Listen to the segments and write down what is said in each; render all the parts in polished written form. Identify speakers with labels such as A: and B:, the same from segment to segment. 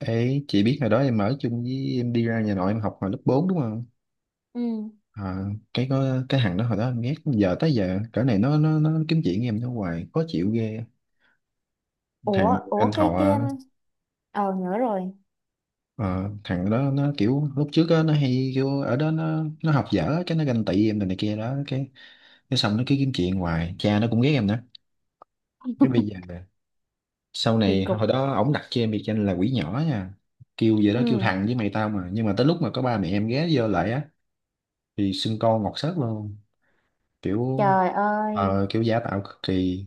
A: Ê, chị biết hồi đó em ở chung với em đi ra nhà nội em học hồi lớp 4 đúng không?
B: Ừ.
A: À, cái có cái thằng đó hồi đó em ghét giờ tới giờ cỡ này nó kiếm chuyện với em nó hoài khó chịu ghê. Thằng
B: ủa
A: anh
B: ủa cái
A: họ,
B: ờ, nhớ rồi.
A: ờ, thằng đó nó kiểu lúc trước á, nó hay kiểu ở đó nó học dở cái nó ganh tị em này, này kia đó cái xong nó cứ kiếm chuyện hoài, cha nó cũng ghét em nữa. Cái bây giờ là- Sau
B: Kỳ
A: này hồi
B: cục.
A: đó ổng đặt cho em biệt danh là quỷ nhỏ nha. Kêu vậy đó, kêu
B: Ừ.
A: thằng với mày tao mà nhưng mà tới lúc mà có ba mẹ em ghé vô lại á thì xưng con ngọt sớt luôn. Kiểu
B: Trời ơi.
A: kiểu giả tạo cực kỳ.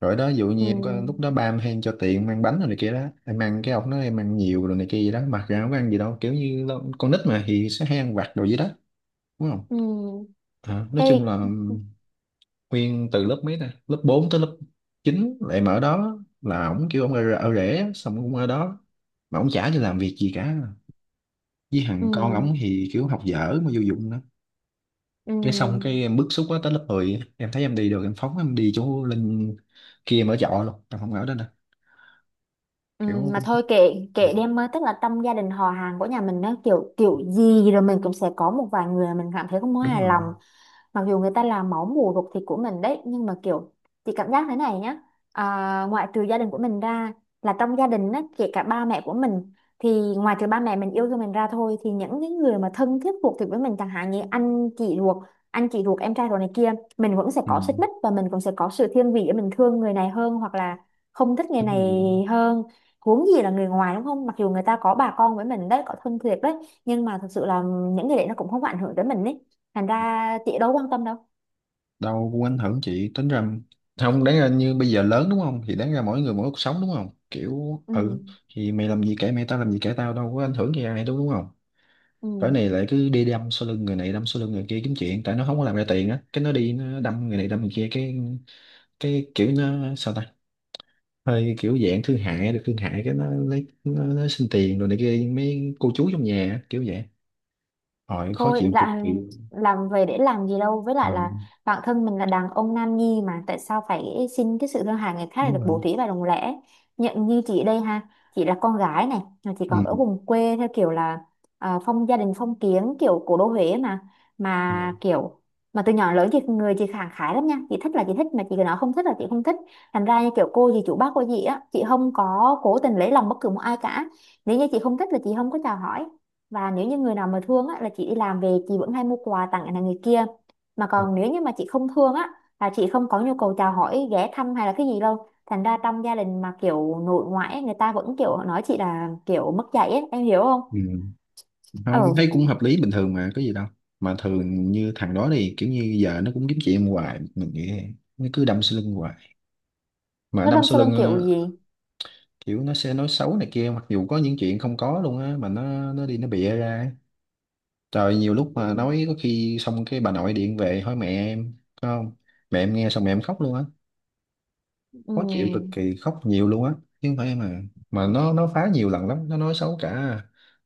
A: Rồi đó, ví dụ như em có lúc
B: Ừ.
A: đó ba em hay cho tiền mang bánh rồi này kia đó, em ăn cái ông nói em ăn nhiều rồi này kia gì đó, mặc ra không có ăn gì đâu, kiểu như con nít mà thì sẽ hay ăn vặt đồ gì đó đúng không.
B: Ừ.
A: Ờ, nói
B: Cái...
A: chung là nguyên từ lớp mấy ta, lớp 4 tới lớp 9 lại mở đó là ổng kêu ổng ở rể xong cũng ở đó mà ổng chả cho làm việc gì cả. Với thằng con
B: Ừ.
A: ổng thì kiểu học dở mà vô dụng đó. Cái xong cái
B: Ừ.
A: em bức xúc quá tới lớp 10 á, em thấy em đi được em phóng em đi chỗ lên kia em ở trọ luôn, em không ở đó nè.
B: Ừ.
A: Kiểu
B: Mà
A: cũng
B: thôi, kệ. Kệ đi em, tức là trong gia đình họ hàng của nhà mình nó kiểu kiểu gì rồi mình cũng sẽ có một vài người mình cảm thấy không có
A: đúng
B: hài
A: rồi.
B: lòng, mặc dù người ta làm máu mủ ruột thịt của mình đấy, nhưng mà kiểu... Chị cảm giác thế này nhá, à, ngoại trừ gia đình của mình ra, là trong gia đình á, kể cả ba mẹ của mình, thì ngoài trừ ba mẹ mình yêu thương mình ra thôi, thì những cái người mà thân thiết ruột thịt với mình, chẳng hạn như anh chị ruột, em trai ruột này kia, mình vẫn sẽ
A: Ừ,
B: có xích mích và mình cũng sẽ có sự thiên vị để mình thương người này hơn hoặc là không thích người
A: đúng rồi,
B: này hơn. Huống gì là người ngoài đúng không, mặc dù người ta có bà con với mình đấy, có thân thiệt đấy, nhưng mà thực sự là những người đấy nó cũng không ảnh hưởng tới mình đấy, thành ra chị đâu quan tâm đâu.
A: đâu cũng ảnh hưởng, chị tính ra không, đáng ra như bây giờ lớn đúng không thì đáng ra mỗi người mỗi cuộc sống đúng không, kiểu ừ,
B: Ừ.
A: thì mày làm gì kệ mày, tao làm gì kệ tao, đâu có ảnh hưởng gì ai đâu đúng không. Cỡ này
B: Ừ.
A: lại cứ đi đâm sau lưng người này, đâm sau lưng người kia, kiếm chuyện, tại nó không có làm ra tiền á cái nó đi nó đâm người này đâm người kia. Cái kiểu nó sao ta, hơi kiểu dạng thương hại, được thương hại cái nó lấy nó xin tiền rồi này kia mấy cô chú trong nhà á, kiểu vậy. Hồi khó
B: Thôi
A: chịu cực
B: là
A: kỳ.
B: làm về để làm gì đâu, với
A: Ờ,
B: lại là bản thân mình là đàn ông nam nhi mà tại sao phải xin cái sự thương hại người khác để
A: đúng
B: được bổ
A: rồi.
B: thí và đồng lẽ nhận như chị đây ha. Chị là con gái này mà chị còn ở
A: Ừ.
B: vùng quê theo kiểu là à, phong gia đình phong kiến kiểu cổ đô Huế mà
A: Ừ.
B: mà kiểu... Mà từ nhỏ đến lớn chị người chị khẳng khái lắm nha, chị thích là chị thích, mà chị cứ nói không thích là chị không thích. Thành ra như kiểu cô gì chủ bác cô gì á, chị không có cố tình lấy lòng bất cứ một ai cả. Nếu như chị không thích là chị không có chào hỏi, và nếu như người nào mà thương á, là chị đi làm về chị vẫn hay mua quà tặng là người kia. Mà còn nếu như mà chị không thương á, là chị không có nhu cầu chào hỏi, ghé thăm hay là cái gì đâu. Thành ra trong gia đình mà kiểu nội ngoại ấy, người ta vẫn kiểu nói chị là kiểu mất dạy ấy, em hiểu không?
A: Ừ. Không, thấy
B: Ừ.
A: cũng hợp lý bình thường mà, có gì đâu. Mà thường như thằng đó thì kiểu như giờ nó cũng kiếm chuyện hoài mình nghĩ vậy, nó cứ đâm sau lưng hoài, mà
B: Nó
A: đâm
B: đâm
A: sau
B: sau
A: lưng
B: lưng kiểu gì?
A: kiểu nó sẽ nói xấu này kia, mặc dù có những chuyện không có luôn á mà nó đi nó bịa ra. Trời, nhiều lúc mà
B: Ừ.
A: nói có khi xong cái bà nội điện về hỏi mẹ em có không, mẹ em nghe xong mẹ em khóc luôn á.
B: Ừ.
A: Khó chịu cực kỳ, khóc nhiều luôn á, chứ không phải em à. Mà nó phá nhiều lần lắm, nó nói xấu cả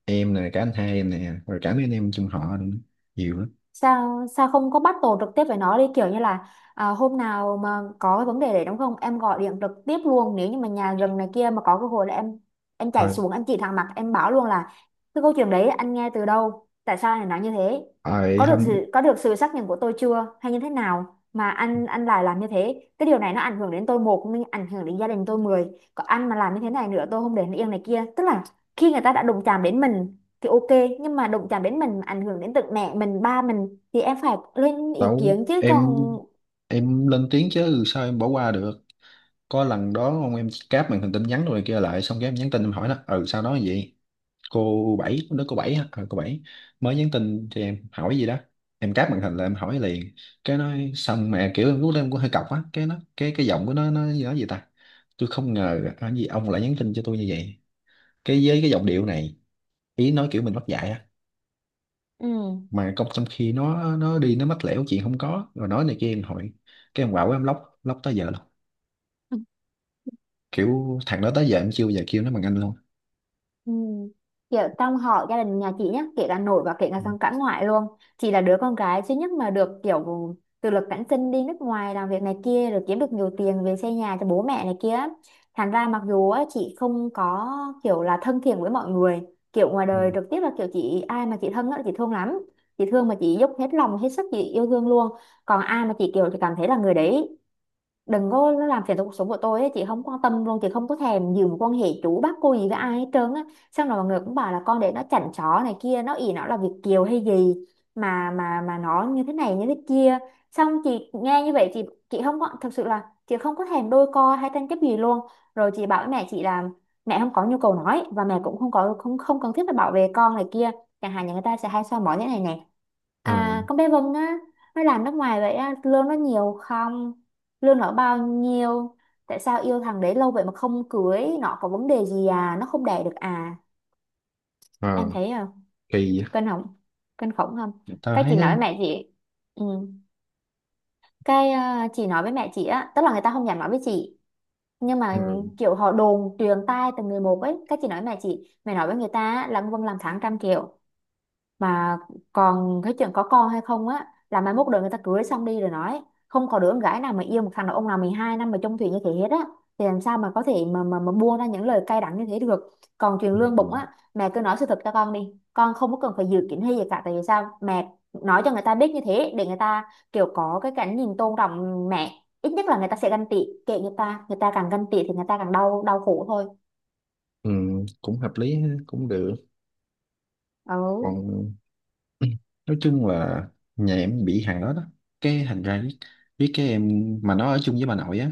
A: em nè, cả anh hai em nè, rồi cả mấy anh em chung họ nữa, nhiều lắm.
B: sao sao không có battle trực tiếp với nó đi kiểu như là à, hôm nào mà có cái vấn đề đấy đúng không, em gọi điện trực tiếp luôn, nếu như mà nhà gần này kia mà có cơ hội là em chạy
A: Rồi,
B: xuống, em chỉ thẳng mặt em bảo luôn là: cái câu chuyện đấy anh nghe từ đâu, tại sao anh lại nói như thế?
A: rồi,
B: có được
A: hôm
B: sự có được sự xác nhận của tôi chưa, hay như thế nào mà anh lại làm như thế? Cái điều này nó ảnh hưởng đến tôi một nhưng ảnh hưởng đến gia đình tôi mười. Còn anh mà làm như thế này nữa tôi không để nó yên này kia, tức là khi người ta đã đụng chạm đến mình thì ok, nhưng mà đụng chạm đến mình mà ảnh hưởng đến tận mẹ mình ba mình thì em phải lên ý
A: đâu
B: kiến chứ. Còn...
A: em lên tiếng chứ sao em bỏ qua được. Có lần đó ông em cáp màn hình tin nhắn rồi kia lại, xong cái em nhắn tin em hỏi nó ừ sao nói vậy. Cô bảy lúc đó, cô bảy hả, ờ cô bảy mới nhắn tin cho em hỏi gì đó, em cáp màn hình là em hỏi liền. Cái nói xong mà kiểu em lúc đó em cũng hơi cọc á, cái nó cái giọng của nó nói gì ta, "Tôi không ngờ ở gì ông lại nhắn tin cho tôi như vậy", cái với cái giọng điệu này, ý nói kiểu mình mất dạy á.
B: Ừ.
A: Mà công trong khi nó đi nó mách lẻo chuyện không có rồi nói này kia em hỏi. Cái em quạo em lóc lóc tới giờ luôn. Kiểu thằng đó tới giờ em chưa bao giờ kêu nó bằng anh luôn.
B: Ừ. Kiểu trong họ gia đình nhà chị nhá, kể cả nội và kể cả sang cả ngoại luôn, chị là đứa con gái duy nhất mà được kiểu tự lực cánh sinh đi nước ngoài làm việc này kia, rồi kiếm được nhiều tiền về xây nhà cho bố mẹ này kia. Thành ra mặc dù á, chị không có kiểu là thân thiện với mọi người, kiểu ngoài đời
A: Ừ.
B: trực tiếp là kiểu chị, ai mà chị thân á, chị thương lắm. Chị thương mà chị dốc hết lòng hết sức chị yêu thương luôn. Còn ai mà chị kiểu chị cảm thấy là người đấy đừng có nó làm phiền tới cuộc sống của tôi ấy, chị không quan tâm luôn, chị không có thèm giữ mối quan hệ chú bác cô gì với ai hết trơn á. Xong rồi mọi người cũng bảo là con để nó chảnh chó này kia, nó ỷ nó là Việt kiều hay gì mà mà nó như thế này như thế kia. Xong chị nghe như vậy chị... Chị không có, thực sự là chị không có thèm đôi co hay tranh chấp gì luôn. Rồi chị bảo với mẹ chị là mẹ không có nhu cầu nói, và mẹ cũng không có không không cần thiết phải bảo vệ con này kia. Chẳng hạn như người ta sẽ hay soi mói thế này nè:
A: ờ
B: à, con bé Vân á, nó làm nước ngoài vậy á lương nó nhiều không, lương nó bao nhiêu, tại sao yêu thằng đấy lâu vậy mà không cưới, nó có vấn đề gì à, nó không đẻ được à. Em
A: ờ
B: thấy không,
A: Kỳ
B: kinh khủng, kinh khủng không?
A: vậy. Tao
B: Cái chị
A: thấy á,
B: nói với mẹ chị... Ừ. Cái ờ, chị nói với mẹ chị á, tức là người ta không dám nói với chị, nhưng mà
A: ừ.
B: kiểu họ đồn truyền tai từng người một ấy, cái chị nói với mẹ chị, mẹ nói với người ta á, là ông Vân làm tháng 100 triệu. Mà còn cái chuyện có con hay không á là mai mốt đời người ta cưới xong đi rồi nói, không có đứa con gái nào mà yêu một thằng đàn ông nào 12 năm mà chung thủy như thế hết á, thì làm sao mà có thể mà buông ra những lời cay đắng như thế được. Còn chuyện lương bụng
A: Ừ.
B: á, mẹ cứ nói sự thật cho con đi, con không có cần phải dự kiến hay gì cả, tại vì sao mẹ nói cho người ta biết như thế để người ta kiểu có cái cảnh nhìn tôn trọng mẹ, ít nhất là người ta sẽ ganh tị. Kệ người ta, người ta càng ganh tị thì người ta càng đau, đau khổ thôi.
A: Ừ, cũng hợp lý ha, cũng được.
B: Ừ.
A: Còn nói chung là nhà em bị hàng đó đó, cái thành ra biết cái em, mà nó ở chung với bà nội á,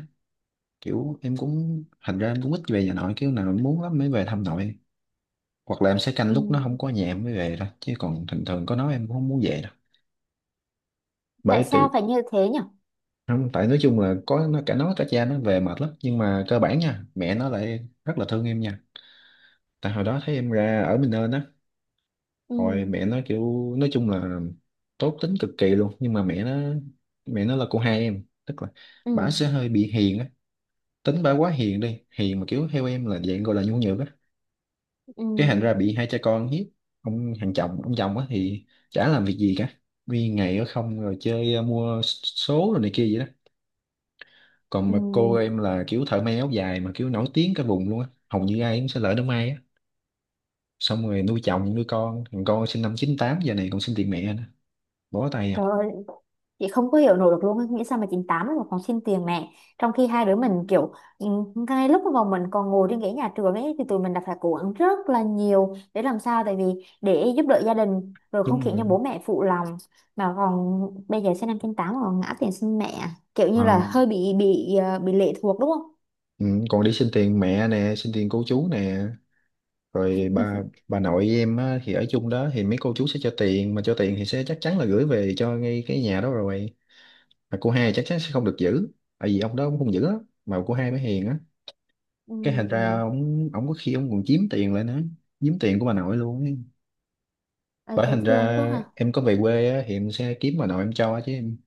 A: kiểu em cũng thành ra em cũng ít về nhà nội, kiểu nào em muốn lắm mới về thăm nội, hoặc là em sẽ canh
B: Ừ.
A: lúc nó không có nhà em mới về thôi chứ còn thường thường có nó em cũng không muốn về đâu.
B: Tại
A: Bởi từ,
B: sao phải như thế nhỉ?
A: không, tại nói chung là có nó, cả nó cả cha nó về mệt lắm, nhưng mà cơ bản nha, mẹ nó lại rất là thương em nha. Tại hồi đó thấy em ra ở mình rồi
B: Ừ.
A: mẹ nó kiểu, nói chung là tốt tính cực kỳ luôn. Nhưng mà mẹ nó là cô hai em, tức là bả
B: Ừ.
A: sẽ hơi bị hiền á, tính bả quá hiền đi, hiền mà kiểu theo em là dạng gọi là nhu nhược á.
B: Ừ.
A: Cái thành ra bị hai cha con hiếp. Ông hàng chồng, ông chồng á thì chả làm việc gì cả, đi ngày ở không rồi chơi, mua số rồi này kia vậy đó. Còn
B: Ừ.
A: mà cô em là kiểu thợ may áo dài mà kiểu nổi tiếng cả vùng luôn á, hầu như ai cũng sẽ lỡ đám may á. Xong rồi nuôi chồng nuôi con, thằng con sinh năm chín tám giờ này còn xin tiền mẹ nữa, bó tay à.
B: Trời ơi, chị không có hiểu nổi được luôn á, nghĩ sao mà 98 mà còn xin tiền mẹ. Trong khi hai đứa mình kiểu... Ừ, ngay lúc mà bọn mình còn ngồi trên ghế nhà trường ấy thì tụi mình đã phải cố gắng rất là nhiều để làm sao, tại vì để giúp đỡ gia đình rồi không
A: Đúng.
B: khiến cho bố mẹ phụ lòng. Mà còn bây giờ sinh năm 98 mà còn ngã tiền xin mẹ, kiểu
A: Ờ,
B: như là hơi bị bị lệ thuộc đúng không.
A: ừ, còn đi xin tiền mẹ nè, xin tiền cô chú nè. Rồi bà nội với em á, thì ở chung đó thì mấy cô chú sẽ cho tiền, mà cho tiền thì sẽ chắc chắn là gửi về cho ngay cái nhà đó rồi, mà cô hai chắc chắn sẽ không được giữ, tại vì ông đó cũng không giữ á, mà cô hai mới hiền á. Cái thành ra
B: Ừ.
A: ông có khi ông còn chiếm tiền lại nữa, chiếm tiền của bà nội luôn ấy.
B: Ê,
A: Bởi
B: thấy
A: thành
B: thương
A: ra
B: quá ha.
A: em có về quê á, thì em sẽ kiếm bà nội em cho chứ em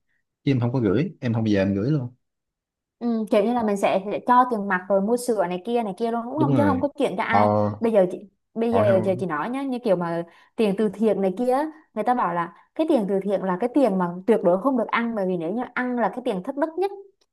A: chứ em không có gửi, em không bao giờ em gửi luôn.
B: Ừ, kiểu như là mình sẽ cho tiền mặt rồi mua sữa này kia luôn đúng
A: Đúng
B: không, chứ không
A: rồi.
B: có chuyện cho
A: Ờ.
B: ai. Bây giờ chị... bây
A: Họ
B: giờ giờ
A: không.
B: chị nói nhá, như kiểu mà tiền từ thiện này kia á, người ta bảo là cái tiền từ thiện là cái tiền mà tuyệt đối không được ăn, bởi vì nếu như ăn là cái tiền thất đức nhất.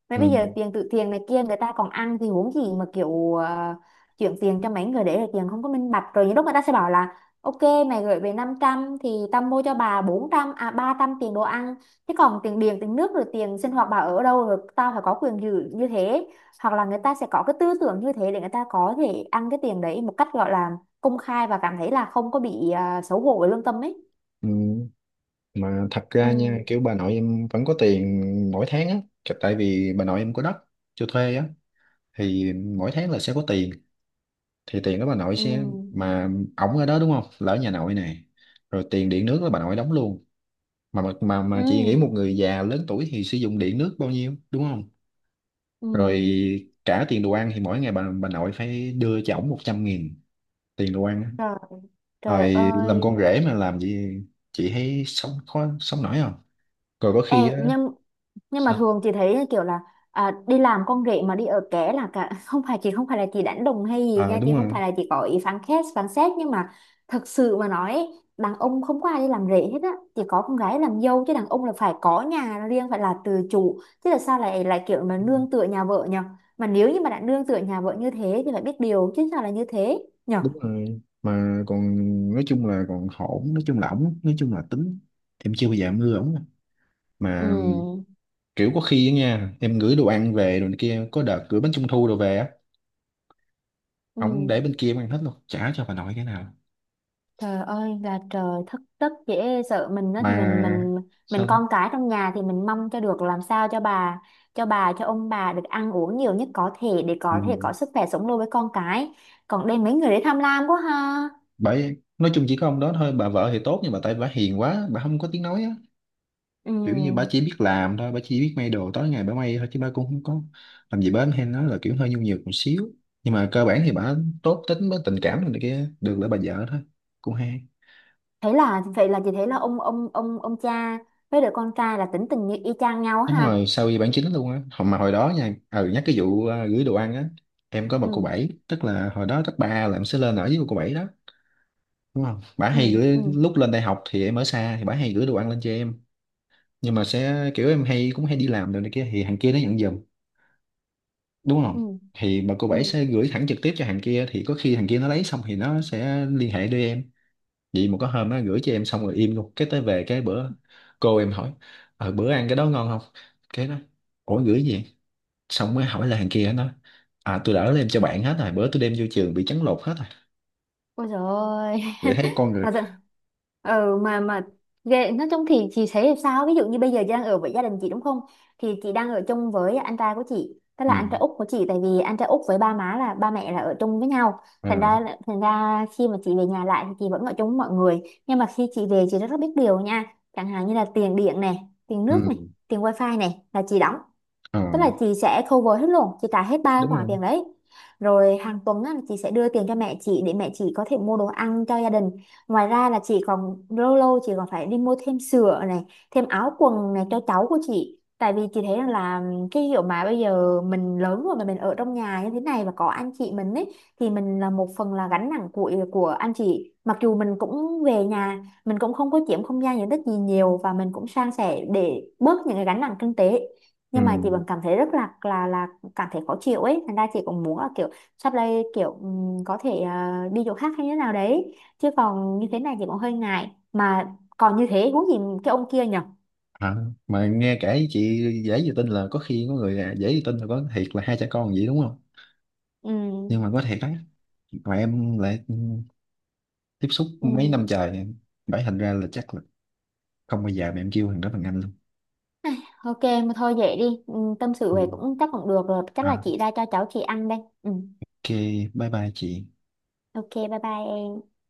B: Mà
A: Ừ.
B: bây giờ tiền từ thiện này kia người ta còn ăn thì huống gì mà kiểu ờ, chuyển tiền cho mấy người để là tiền không có minh bạch. Rồi những lúc người ta sẽ bảo là: ok, mày gửi về 500 thì tao mua cho bà 400, à 300 tiền đồ ăn. Thế còn tiền điện, tiền nước rồi tiền sinh hoạt bà ở đâu, rồi tao phải có quyền giữ như thế. Hoặc là người ta sẽ có cái tư tưởng như thế để người ta có thể ăn cái tiền đấy một cách gọi là công khai và cảm thấy là không có bị à, xấu hổ với lương tâm ấy.
A: Ừ. Mà thật ra nha,
B: Ừ.
A: kiểu bà nội em vẫn có tiền mỗi tháng á. Cái- tại vì bà nội em có đất cho thuê á thì mỗi tháng là sẽ có tiền, thì tiền đó bà nội
B: Ừ.
A: sẽ mà ổng ở đó đúng không, là ở nhà nội nè, rồi tiền điện nước là bà nội đóng luôn.
B: Ừ.
A: Chị nghĩ một người già lớn tuổi thì sử dụng điện nước bao nhiêu đúng không.
B: Ừ.
A: Rồi cả tiền đồ ăn thì mỗi ngày bà nội phải đưa cho ổng 100 nghìn tiền đồ ăn á.
B: Rồi. Trời
A: Rồi làm
B: ơi.
A: con rể mà làm gì, chị thấy sống khó sống nổi không. Rồi có
B: Ê,
A: khi á.
B: nhưng... Nhưng mà
A: Sao?
B: thường chị thấy kiểu là à, đi làm con rể mà đi ở ké là cả không phải chị, không phải là chị đánh đồng hay gì
A: Ờ
B: nha, chị
A: đúng
B: không
A: rồi.
B: phải là chị có ý phán xét, phán xét nhưng mà thật sự mà nói ấy, đàn ông không có ai đi làm rể hết á. Chỉ có con gái làm dâu, chứ đàn ông là phải có nhà riêng, phải là tự chủ, chứ là sao lại lại kiểu mà nương tựa nhà vợ nhở. Mà nếu như mà đã nương tựa nhà vợ như thế thì phải biết điều chứ, sao là như thế nhở.
A: Đúng rồi, mà còn nói chung là còn hổn, nói chung là ổng nói chung là tính, thì em chưa bao giờ em ưa ổng. Mà
B: Ừ.
A: kiểu có khi á nha, em gửi đồ ăn về rồi này kia, có đợt gửi bánh trung thu đồ về á,
B: Ừ.
A: ổng để bên kia em ăn hết luôn, trả cho bà nội cái nào.
B: Trời ơi là trời, thất tất dễ sợ. Mình đó thì
A: Mà
B: mình
A: sao ta.
B: con cái trong nhà thì mình mong cho được làm sao cho bà cho ông bà được ăn uống nhiều nhất có thể để
A: Ừ.
B: có thể có sức khỏe sống lâu với con cái. Còn đây mấy người đấy tham lam quá ha.
A: Bởi nói chung chỉ có ông đó thôi, bà vợ thì tốt nhưng mà tại bà hiền quá, bà không có tiếng nói á.
B: Ừ.
A: Kiểu như bà chỉ biết làm thôi, bà chỉ biết may đồ tối ngày bà may thôi chứ bà cũng không có làm gì bến hay nói, là kiểu hơi nhu nhược một xíu. Nhưng mà cơ bản thì bà tốt tính, với tình cảm này kia được, là bà vợ thôi cũng hay.
B: Thế là vậy là chị thấy là ông cha với đứa con trai là tính tình như y chang nhau
A: Đúng
B: ha.
A: rồi, sau khi bản chính luôn á. Hồi mà hồi đó nha, ừ, nhắc cái vụ gửi đồ ăn á, em có một
B: Ừ.
A: cô bảy, tức là hồi đó cấp ba là em sẽ lên ở với một cô bảy đó đúng không. Bả
B: Ừ.
A: hay
B: Ừ.
A: gửi, lúc lên đại học thì em ở xa thì bả hay gửi đồ ăn lên cho em, nhưng mà sẽ kiểu em hay cũng hay đi làm đồ này kia thì thằng kia nó nhận giùm đúng không.
B: Ừ.
A: Thì bà cô
B: Ừ.
A: bảy sẽ gửi thẳng trực tiếp cho thằng kia, thì có khi thằng kia nó lấy xong thì nó sẽ liên hệ đưa em. Vậy mà có hôm nó gửi cho em xong rồi im luôn, cái tới về cái bữa cô em hỏi, "Ờ bữa ăn cái đó ngon không, cái đó." "Ủa gửi gì vậy?" Xong mới hỏi là thằng kia nó, "À tôi đã đem cho bạn hết rồi, bữa tôi đem vô trường bị trấn lột hết rồi."
B: Ôi trời ơi.
A: Vậy thấy con người.
B: Và dạ- ờ mà ghê, nói chung thì chị thấy sao. Ví dụ như bây giờ chị đang ở với gia đình chị đúng không, thì chị đang ở chung với anh trai của chị, tức
A: Ừ.
B: là anh trai út của chị, tại vì anh trai út với ba má là ba mẹ là ở chung với nhau. Thành ra
A: À,
B: là- thành ra khi mà chị về nhà lại thì chị vẫn ở chung với mọi người, nhưng mà khi chị về chị rất, rất biết điều nha. Chẳng hạn như là tiền điện này, tiền nước
A: ừ.
B: này, tiền wifi này là chị đóng,
A: À,
B: tức là chị sẽ cover hết luôn, chị trả hết ba
A: đúng
B: khoản
A: rồi.
B: tiền đấy. Rồi hàng tuần á, là chị sẽ đưa tiền cho mẹ chị để mẹ chị có thể mua đồ ăn cho gia đình. Ngoài ra là chị còn lâu lâu chị còn phải đi mua thêm sữa này, thêm áo quần này cho cháu của chị, tại vì chị thấy rằng là cái kiểu mà bây giờ mình lớn rồi mà mình ở trong nhà như thế này và có anh chị mình ấy, thì mình là một phần là gánh nặng của anh chị, mặc dù mình cũng về nhà mình cũng không có chiếm không gian diện tích gì nhiều và mình cũng san sẻ để bớt những cái gánh nặng kinh tế,
A: Ừ.
B: nhưng mà chị vẫn cảm thấy rất là cảm thấy khó chịu ấy, thành ra chị cũng muốn là kiểu sắp đây kiểu có thể à, đi chỗ khác hay như thế nào đấy, chứ còn như thế này chị cũng hơi ngại, mà còn như thế huống gì cái ông kia nhở.
A: À, mà nghe kể chị dễ gì tin, là có khi có người à, dễ gì tin là có thiệt là hai cha con vậy đúng không.
B: Ừ.
A: Nhưng mà có thiệt đấy, mà em lại tiếp xúc mấy năm
B: Ừ.
A: trời, bảy thành ra là chắc là không bao giờ mà em kêu thằng đó bằng anh luôn.
B: Ok mà thôi vậy đi. Ừ, tâm sự
A: Ừ.
B: về cũng chắc cũng được rồi, chắc
A: À,
B: là chị ra cho cháu chị ăn đây. Ừ.
A: ok, bye bye chị.
B: Ok bye bye em.